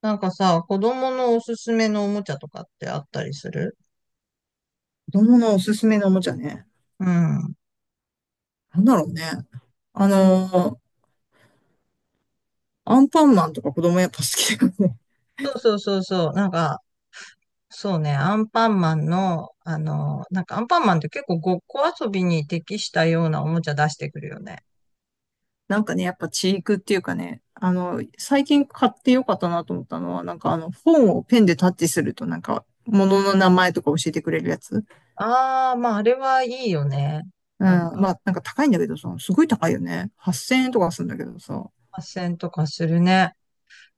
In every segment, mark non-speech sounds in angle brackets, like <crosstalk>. なんかさ、子供のおすすめのおもちゃとかってあったりする？子供のおすすめのおもちゃね。うん。なんだろうね。あの、アンパンマンとか子供やっぱ好きだよね。そうそうそうそう。なんか、そうね、アンパンマンの、なんかアンパンマンって結構ごっこ遊びに適したようなおもちゃ出してくるよね。<laughs> なんかね、やっぱチークっていうかね、最近買ってよかったなと思ったのは、本をペンでタッチするとなんか、物の名前とか教えてくれるやつ。ああ、まああれはいいよね。うん。なんか、まあ、なんか高いんだけどさ、すごい高いよね。8000円とかするんだけどさ。発線とかするね。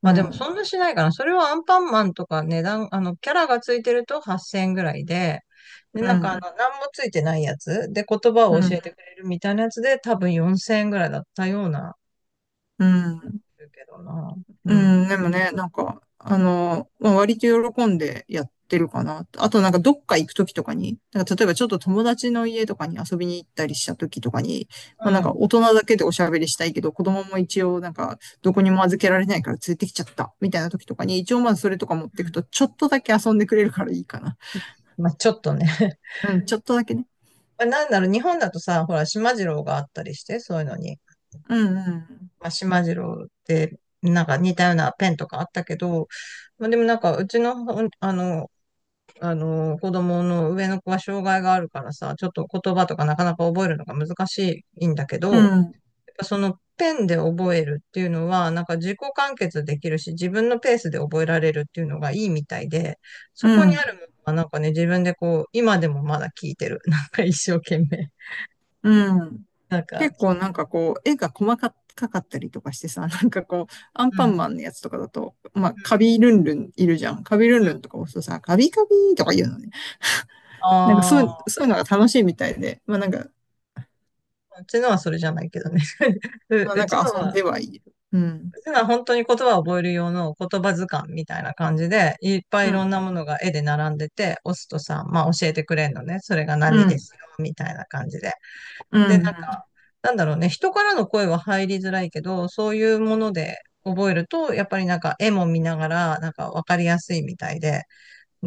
うまあでもそん。んなしないかな。それはアンパンマンとか値段、キャラがついてると8000円ぐらいで、うなんかん。何もついてないやつで言葉うを教えん。てくれるみたいなやつで多分4000円ぐらいだったような、うん。るけどな。ううん。ん、でもね、割と喜んでやってるかな。あとなんかどっか行くときとかに、なんか例えばちょっと友達の家とかに遊びに行ったりしたときとかに、まうあなんかん。大人だけでおしゃべりしたいけど、子供も一応なんかどこにも預けられないから連れてきちゃった、みたいなときとかに、一応まずそれとか持っうてくと、ん。ちょっとだけ遊んでくれるからいいかな。まあちょっとね。<laughs> うん、ちょっとだけね。まあなんだろう、日本だとさ、ほら、島次郎があったりして、そういうのに。うん、うん、まあ島次郎って、なんか似たようなペンとかあったけど、まあでもなんか、うちのほん、あの、あの、子供の上の子は障害があるからさ、ちょっと言葉とかなかなか覚えるのが難しいんだけど、うん、やっぱそのペンで覚えるっていうのは、なんか自己完結できるし、自分のペースで覚えられるっていうのがいいみたいで、そこうにん、あるものはなんかね、自分でこう、今でもまだ聞いてる。なんか一生懸命。うん。なんか、結構なんかこう、絵が細かかったりとかしてさ、なんかこう、アンうパンん、マンのやつとかだと、まあ、うカん、ビルンルンいるじゃん。カビルうンん。ルンとか押すとさ、カビカビとか言うのね。なんかそあう、あ、そういうのが楽しいみたいで、まあなんか、うちのはそれじゃないけどね。<laughs> う、まあうなんちかの遊んでは、はいる。うん。ただ本当に言葉を覚える用の言葉図鑑みたいな感じで、いっぱいういろんなん。ものが絵で並んでて、押すとさ、まあ教えてくれんのね。それがう何でん。すよ、みたいな感じで。うで、なんん。か、なんだろうね。人からの声は入りづらいけど、そういうもので覚えると、やっぱりなんか絵も見ながら、なんかわかりやすいみたいで、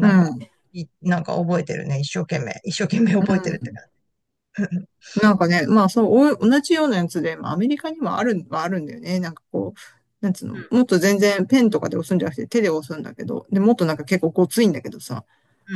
うんか、ん。なんか覚えてるね。一生懸命。一生懸命う覚えてるってん。感じ。<laughs> なんかね、まあそう、お同じようなやつで、まあアメリカにもある、はあるんだよね。なんかこう、なんつううの、もっと全然ペンとかで押すんじゃなくて手で押すんだけど、で、もっとなんか結構ごついんだけどさ、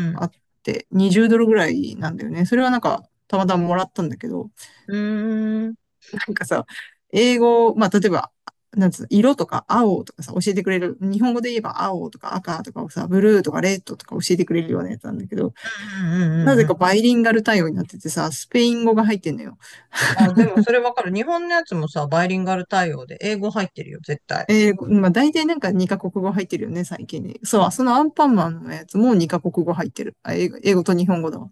ん。あって、20ドルぐらいなんだよね。それはなんか、たまたまもらったんだけど、うん。うーん。うんなんかさ、英語、まあ、例えば、なんつうの、色とか青とかさ、教えてくれる。日本語で言えば青とか赤とかをさ、ブルーとかレッドとか教えてくれるようなやつなんだけど、うんうんうなんぜうかん。バイリンガル対応になっててさ、スペイン語が入ってんのよ。あ、でもそれわかる。日本のやつもさ、バイリンガル対応で英語入ってるよ、絶対。まあ大体なんか2カ国語入ってるよね、最近に。そう、そのアンパンマンのやつも2カ国語入ってる。あ、英語、英語と日本語だわ。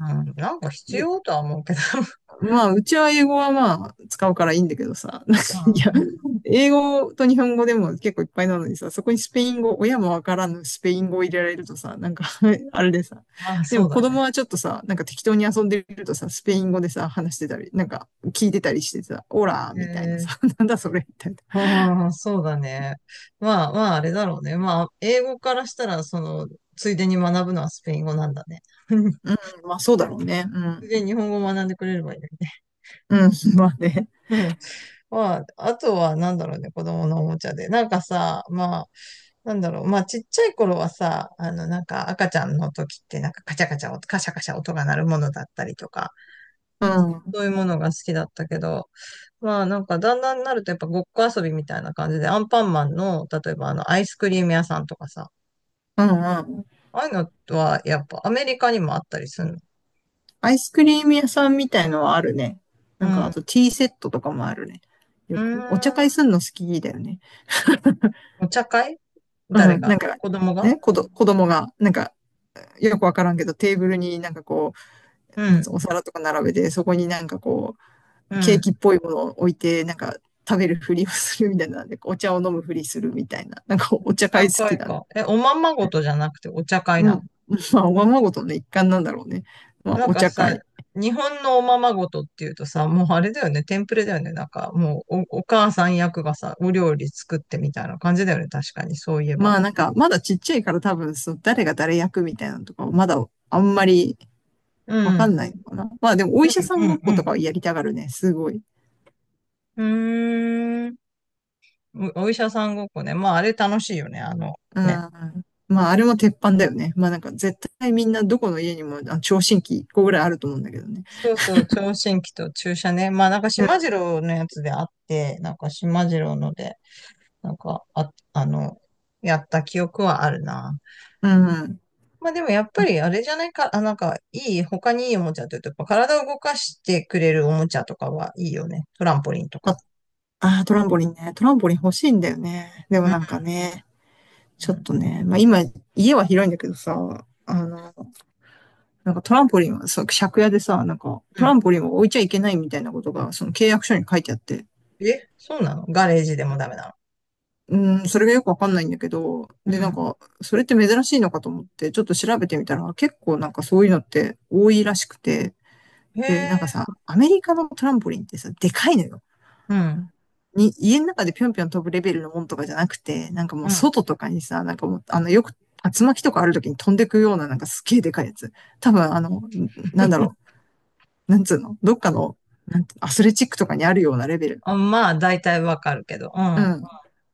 うん、なんか必で、要とは思うけど。<laughs> まあ、うちは英語はまあ、使うからいいんだけどさ、<laughs> なんか、ういや、ん。英語と日本語でも結構いっぱいなのにさ、そこにスペイン語、親もわからぬスペイン語を入れられるとさ、なんか <laughs> あれでさ、まあ、でそうもだ子ね。供はちょっとさ、なんか適当に遊んでるとさ、スペイン語でさ、話してたり、なんか聞いてたりしてさ、オラーえみたいなー。さ、<laughs> なんだそれみたいな。ああ、そうだね。まあまあ、あれだろうね。まあ、英語からしたら、その、ついでに学ぶのはスペイン語なんだね。<laughs> うん、まあそうだろうね。うついでにん。日本語を学んでくれればいいのにね。うん、まあね。まあ、あとは、なんだろうね、子供のおもちゃで。なんかさ、まあ、なんだろう、まあ、ちっちゃい頃はさ、なんか赤ちゃんの時って、なんかカチャカチャカシャカシャ音が鳴るものだったりとか、うん、うん、そういうものが好きだったけど、まあ、なんかだんだんになるとやっぱごっこ遊びみたいな感じで、アンパンマンの、例えばアイスクリーム屋さんとかさ、うん。ああいうのは、やっぱアメリカにもあったりするの？アイスクリーム屋さんみたいのはあるね。うなんか、ん。あうとティーセットとかもあるね。ーよく、お茶ん。会すんの好きだよね。お茶会？誰うん、なんが？か、子供が？ね、子供が、なんか、よくわからんけど、テーブルにうなんつうのん。お皿とか並べて、そこにうケーん。キっぽいものを置いて、なんか、食べるふりをするみたいな、でお茶を飲むふりするみたいな、なんかお茶会好高きいだね。か。え、おままごとじゃなくてお茶会うなの？ん。まあ、おままごとの一環なんだろうね。まあ、なんおか茶さ、会。日本のおままごとっていうとさ、もうあれだよね、テンプレだよね。なんかもうお母さん役がさ、お料理作ってみたいな感じだよね。確かに、そういえば。まあなんか、まだちっちゃいから多分、そう、誰が誰役みたいなのとか、まだあんまりうわかんなん。いのかな。まあでも、お医者さうんごっんこうとかんはやりたがるね、すごい。うん。うーん。お医者さんごっこね。まあ、あれ楽しいよね。うね。ん。まあ、あれも鉄板だよね。まあなんか、絶対みんなどこの家にも、あ、聴診器1個ぐらいあると思うんだけどね。そうそう、聴診器と注射ね。まあ、なんか、うん。島次郎のやつであって、なんか、島次郎ので、なんか、やった記憶はあるな。うん。まあでもやっぱりあれじゃないか、あ、なんかいい、他にいいおもちゃって言うと、やっぱ体を動かしてくれるおもちゃとかはいいよね。トランポリンとあ、か。あー、トランポリンね。トランポリン欲しいんだよね。でもうん。なんかね、うちょっん。とね、まあ今、家は広いんだけどさ、なんかトランポリンはさ、借家でさ、なんかうトラん。ンポリンを置いちゃいけないみたいなことが、その契約書に書いてあって、え、そうなの？ガレージでもダメなの？うん、それがよくわかんないんだけど、うで、なんん。か、それって珍しいのかと思って、ちょっと調べてみたら、結構なんかそういうのって多いらしくて、へで、え、なんかさ、アメリカのトランポリンってさ、でかいのよ。うん。に、家の中でぴょんぴょん飛ぶレベルのもんとかじゃなくて、なんかもううん。外とかにさ、なんかもう、あの、よく竜巻とかある時に飛んでくような、なんかすっげえでかいやつ。多分、なんだ <laughs> ろなんつうのどっかの、なんアスレチックとかにあるようなレベル。あ、まあ大体わかるけど。ううん。ん。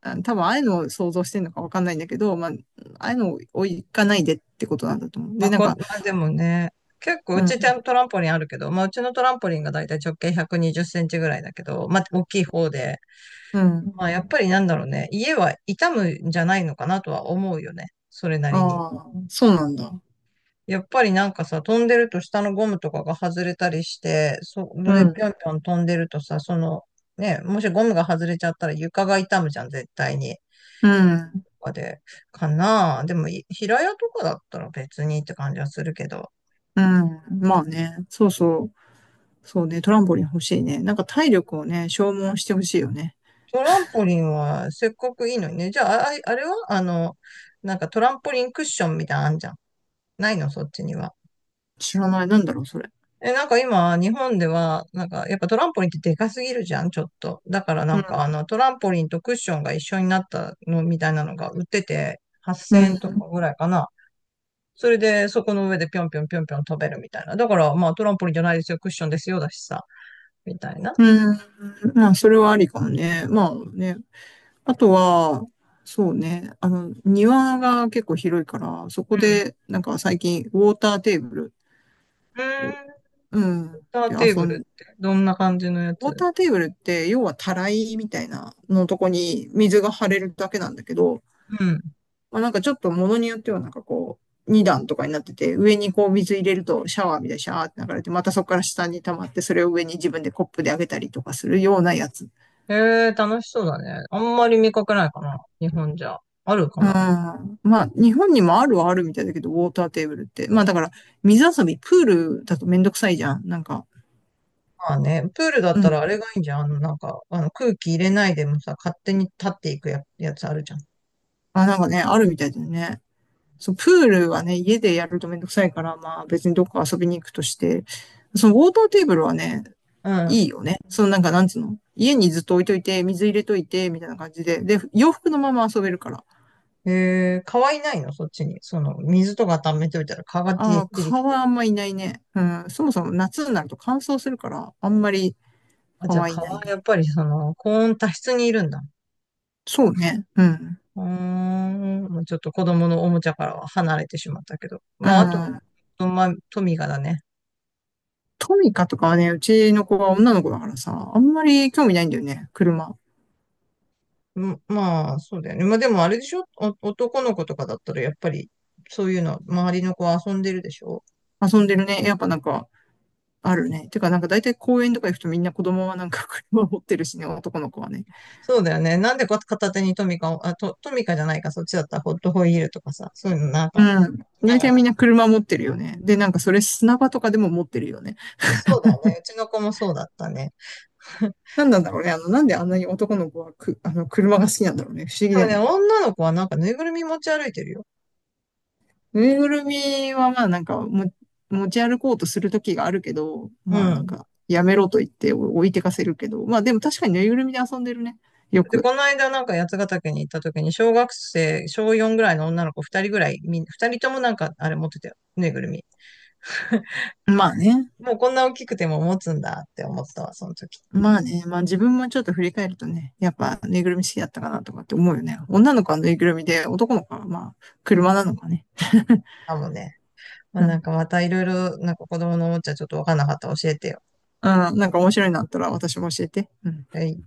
うん多分ああいうのを想像してるのかわかんないんだけど、まあ、ああいうのを行かないでってことなんだと思う。まで、あなんこ、まか、あでもね、結構ううちん、トランポリンあるけど、まあうちのトランポリンが大体直径120センチぐらいだけど、まあ大きい方で、うん。まあやっぱりなんだろうね、家は傷むんじゃないのかなとは思うよね。それなありに。あ、そうなんだ。やっぱりなんかさ、飛んでると下のゴムとかが外れたりして、それうでん、ぴょんぴょん飛んでるとさ、ね、もしゴムが外れちゃったら床が痛むじゃん、絶対に。うん、とかで、かなあ。でも、平屋とかだったら別にって感じはするけど、うん。まあね、そうそう。そうね、トランポリン欲しいね。なんか体力をね、消耗してほしいよね。トランポリンはせっかくいいのにね。じゃあ、あ、あれはなんかトランポリンクッションみたいなのあんじゃん。ないの、そっちには？知らない。なんだろう、それ。え、なんか今、日本では、なんか、やっぱトランポリンってでかすぎるじゃん、ちょっと。だからなうんん。か、トランポリンとクッションが一緒になったのみたいなのが売ってて、う8000円とかん。ぐらいかな。それで、そこの上でぴょんぴょんぴょんぴょん飛べるみたいな。だから、まあ、トランポリンじゃないですよ、クッションですよ、だしさ、みたいな。うん。まあ、それはありかもね。まあね、あとは、そうね、庭が結構広いから、そうこん。で、なんか最近、ウォーターテーブルうを、ーん。セうん、ンターでテー遊ブん、ルって、どんな感じのやウォーつ？ターテーブルって、要はたらいみたいなのとこに水が張れるだけなんだけど、うん。まあ、なんかちょっと物によっては2段とかになってて、上にこう水入れるとシャワーみたいにシャーって流れて、またそこから下に溜まって、それを上に自分でコップであげたりとかするようなやつ。へえ、楽しそうだね。あんまり見かけないかな、日本じゃ。あるかうん。な。まあ、日本にもあるはあるみたいだけど、ウォーターテーブルって。まあ、だから、水遊び、プールだとめんどくさいじゃん。なんか、まあね、プールだっうたらん。あれがいいんじゃん。なんか、空気入れないでもさ、勝手に立っていくやつあるじゃん。まあ、なんかね、あるみたいだよね。そう、プールはね、家でやるとめんどくさいから、まあ、別にどっか遊びに行くとして、そのウォーターテーブルはね、いういよね。そのなんか、なんつうの家にずっと置いといて、水入れといて、みたいな感じで。で、洋服のまま遊べるから。ん。川いないの、そっちに？水とか溜めておいたら川が出あてあ、出てき蚊てるはあじゃんまいないね。うん。そもそも夏になると乾燥するから、あんまりん。あ、蚊じゃあはいない川、やね。っぱり高温多湿にいるんだ。そうね。うん。うーん、もうちょっと子供のおもちゃからは離れてしまったけど。うまあ、あと、ん。まあ、トミカだね。トミカとかはね、うちの子は女の子だからさ、あんまり興味ないんだよね、車。うん、まあ、そうだよね。まあでもあれでしょお、男の子とかだったらやっぱり、そういうの、周りの子は遊んでるでしょ？遊んでるね。やっぱなんか、あるね。てか、なんか大体公園とか行くとみんな子供はなんか <laughs> 車持ってるしね、男の子はね。そうだよね。なんで片手にトミカを、あ、トミカじゃないか、そっちだったらホットホイールとかさ、そういうのなんうか、ん。聞きな大が体みら。んな車持ってるよね。で、なんかそれ砂場とかでも持ってるよね。そうだね。うちの子もそうだったね。<laughs> なんなんだろうね。なんであんなに男の子はく、車が好きなんだろうね。不思議でだもよね、ね。女の子はなんかぬいぐるみ持ち歩いてるよ。ぬいぐるみはまあなんかも持ち歩こうとする時があるけど、うまあなんん。かやめろと言って置いてかせるけど、まあでも確かにぬいぐるみで遊んでるね。よで、く。この間なんか八ヶ岳に行った時に、小学生、小4ぐらいの女の子2人ぐらい、2人ともなんかあれ持ってたよ。ぬいぐるみ。まあね。もうこんな大きくても持つんだって思ったわ、その時。まあね。まあ自分もちょっと振り返るとね、やっぱぬいぐるみ好きだったかなとかって思うよね。女の子はぬいぐるみで、男の子はまあ車なのかね。あ、もうね。まあ、うなんん。かまたいろいろ、なんか子供のおもちゃちょっとわかんなかったら教えてよ。うん。なんか面白いのあったら私も教えて。うん。はい。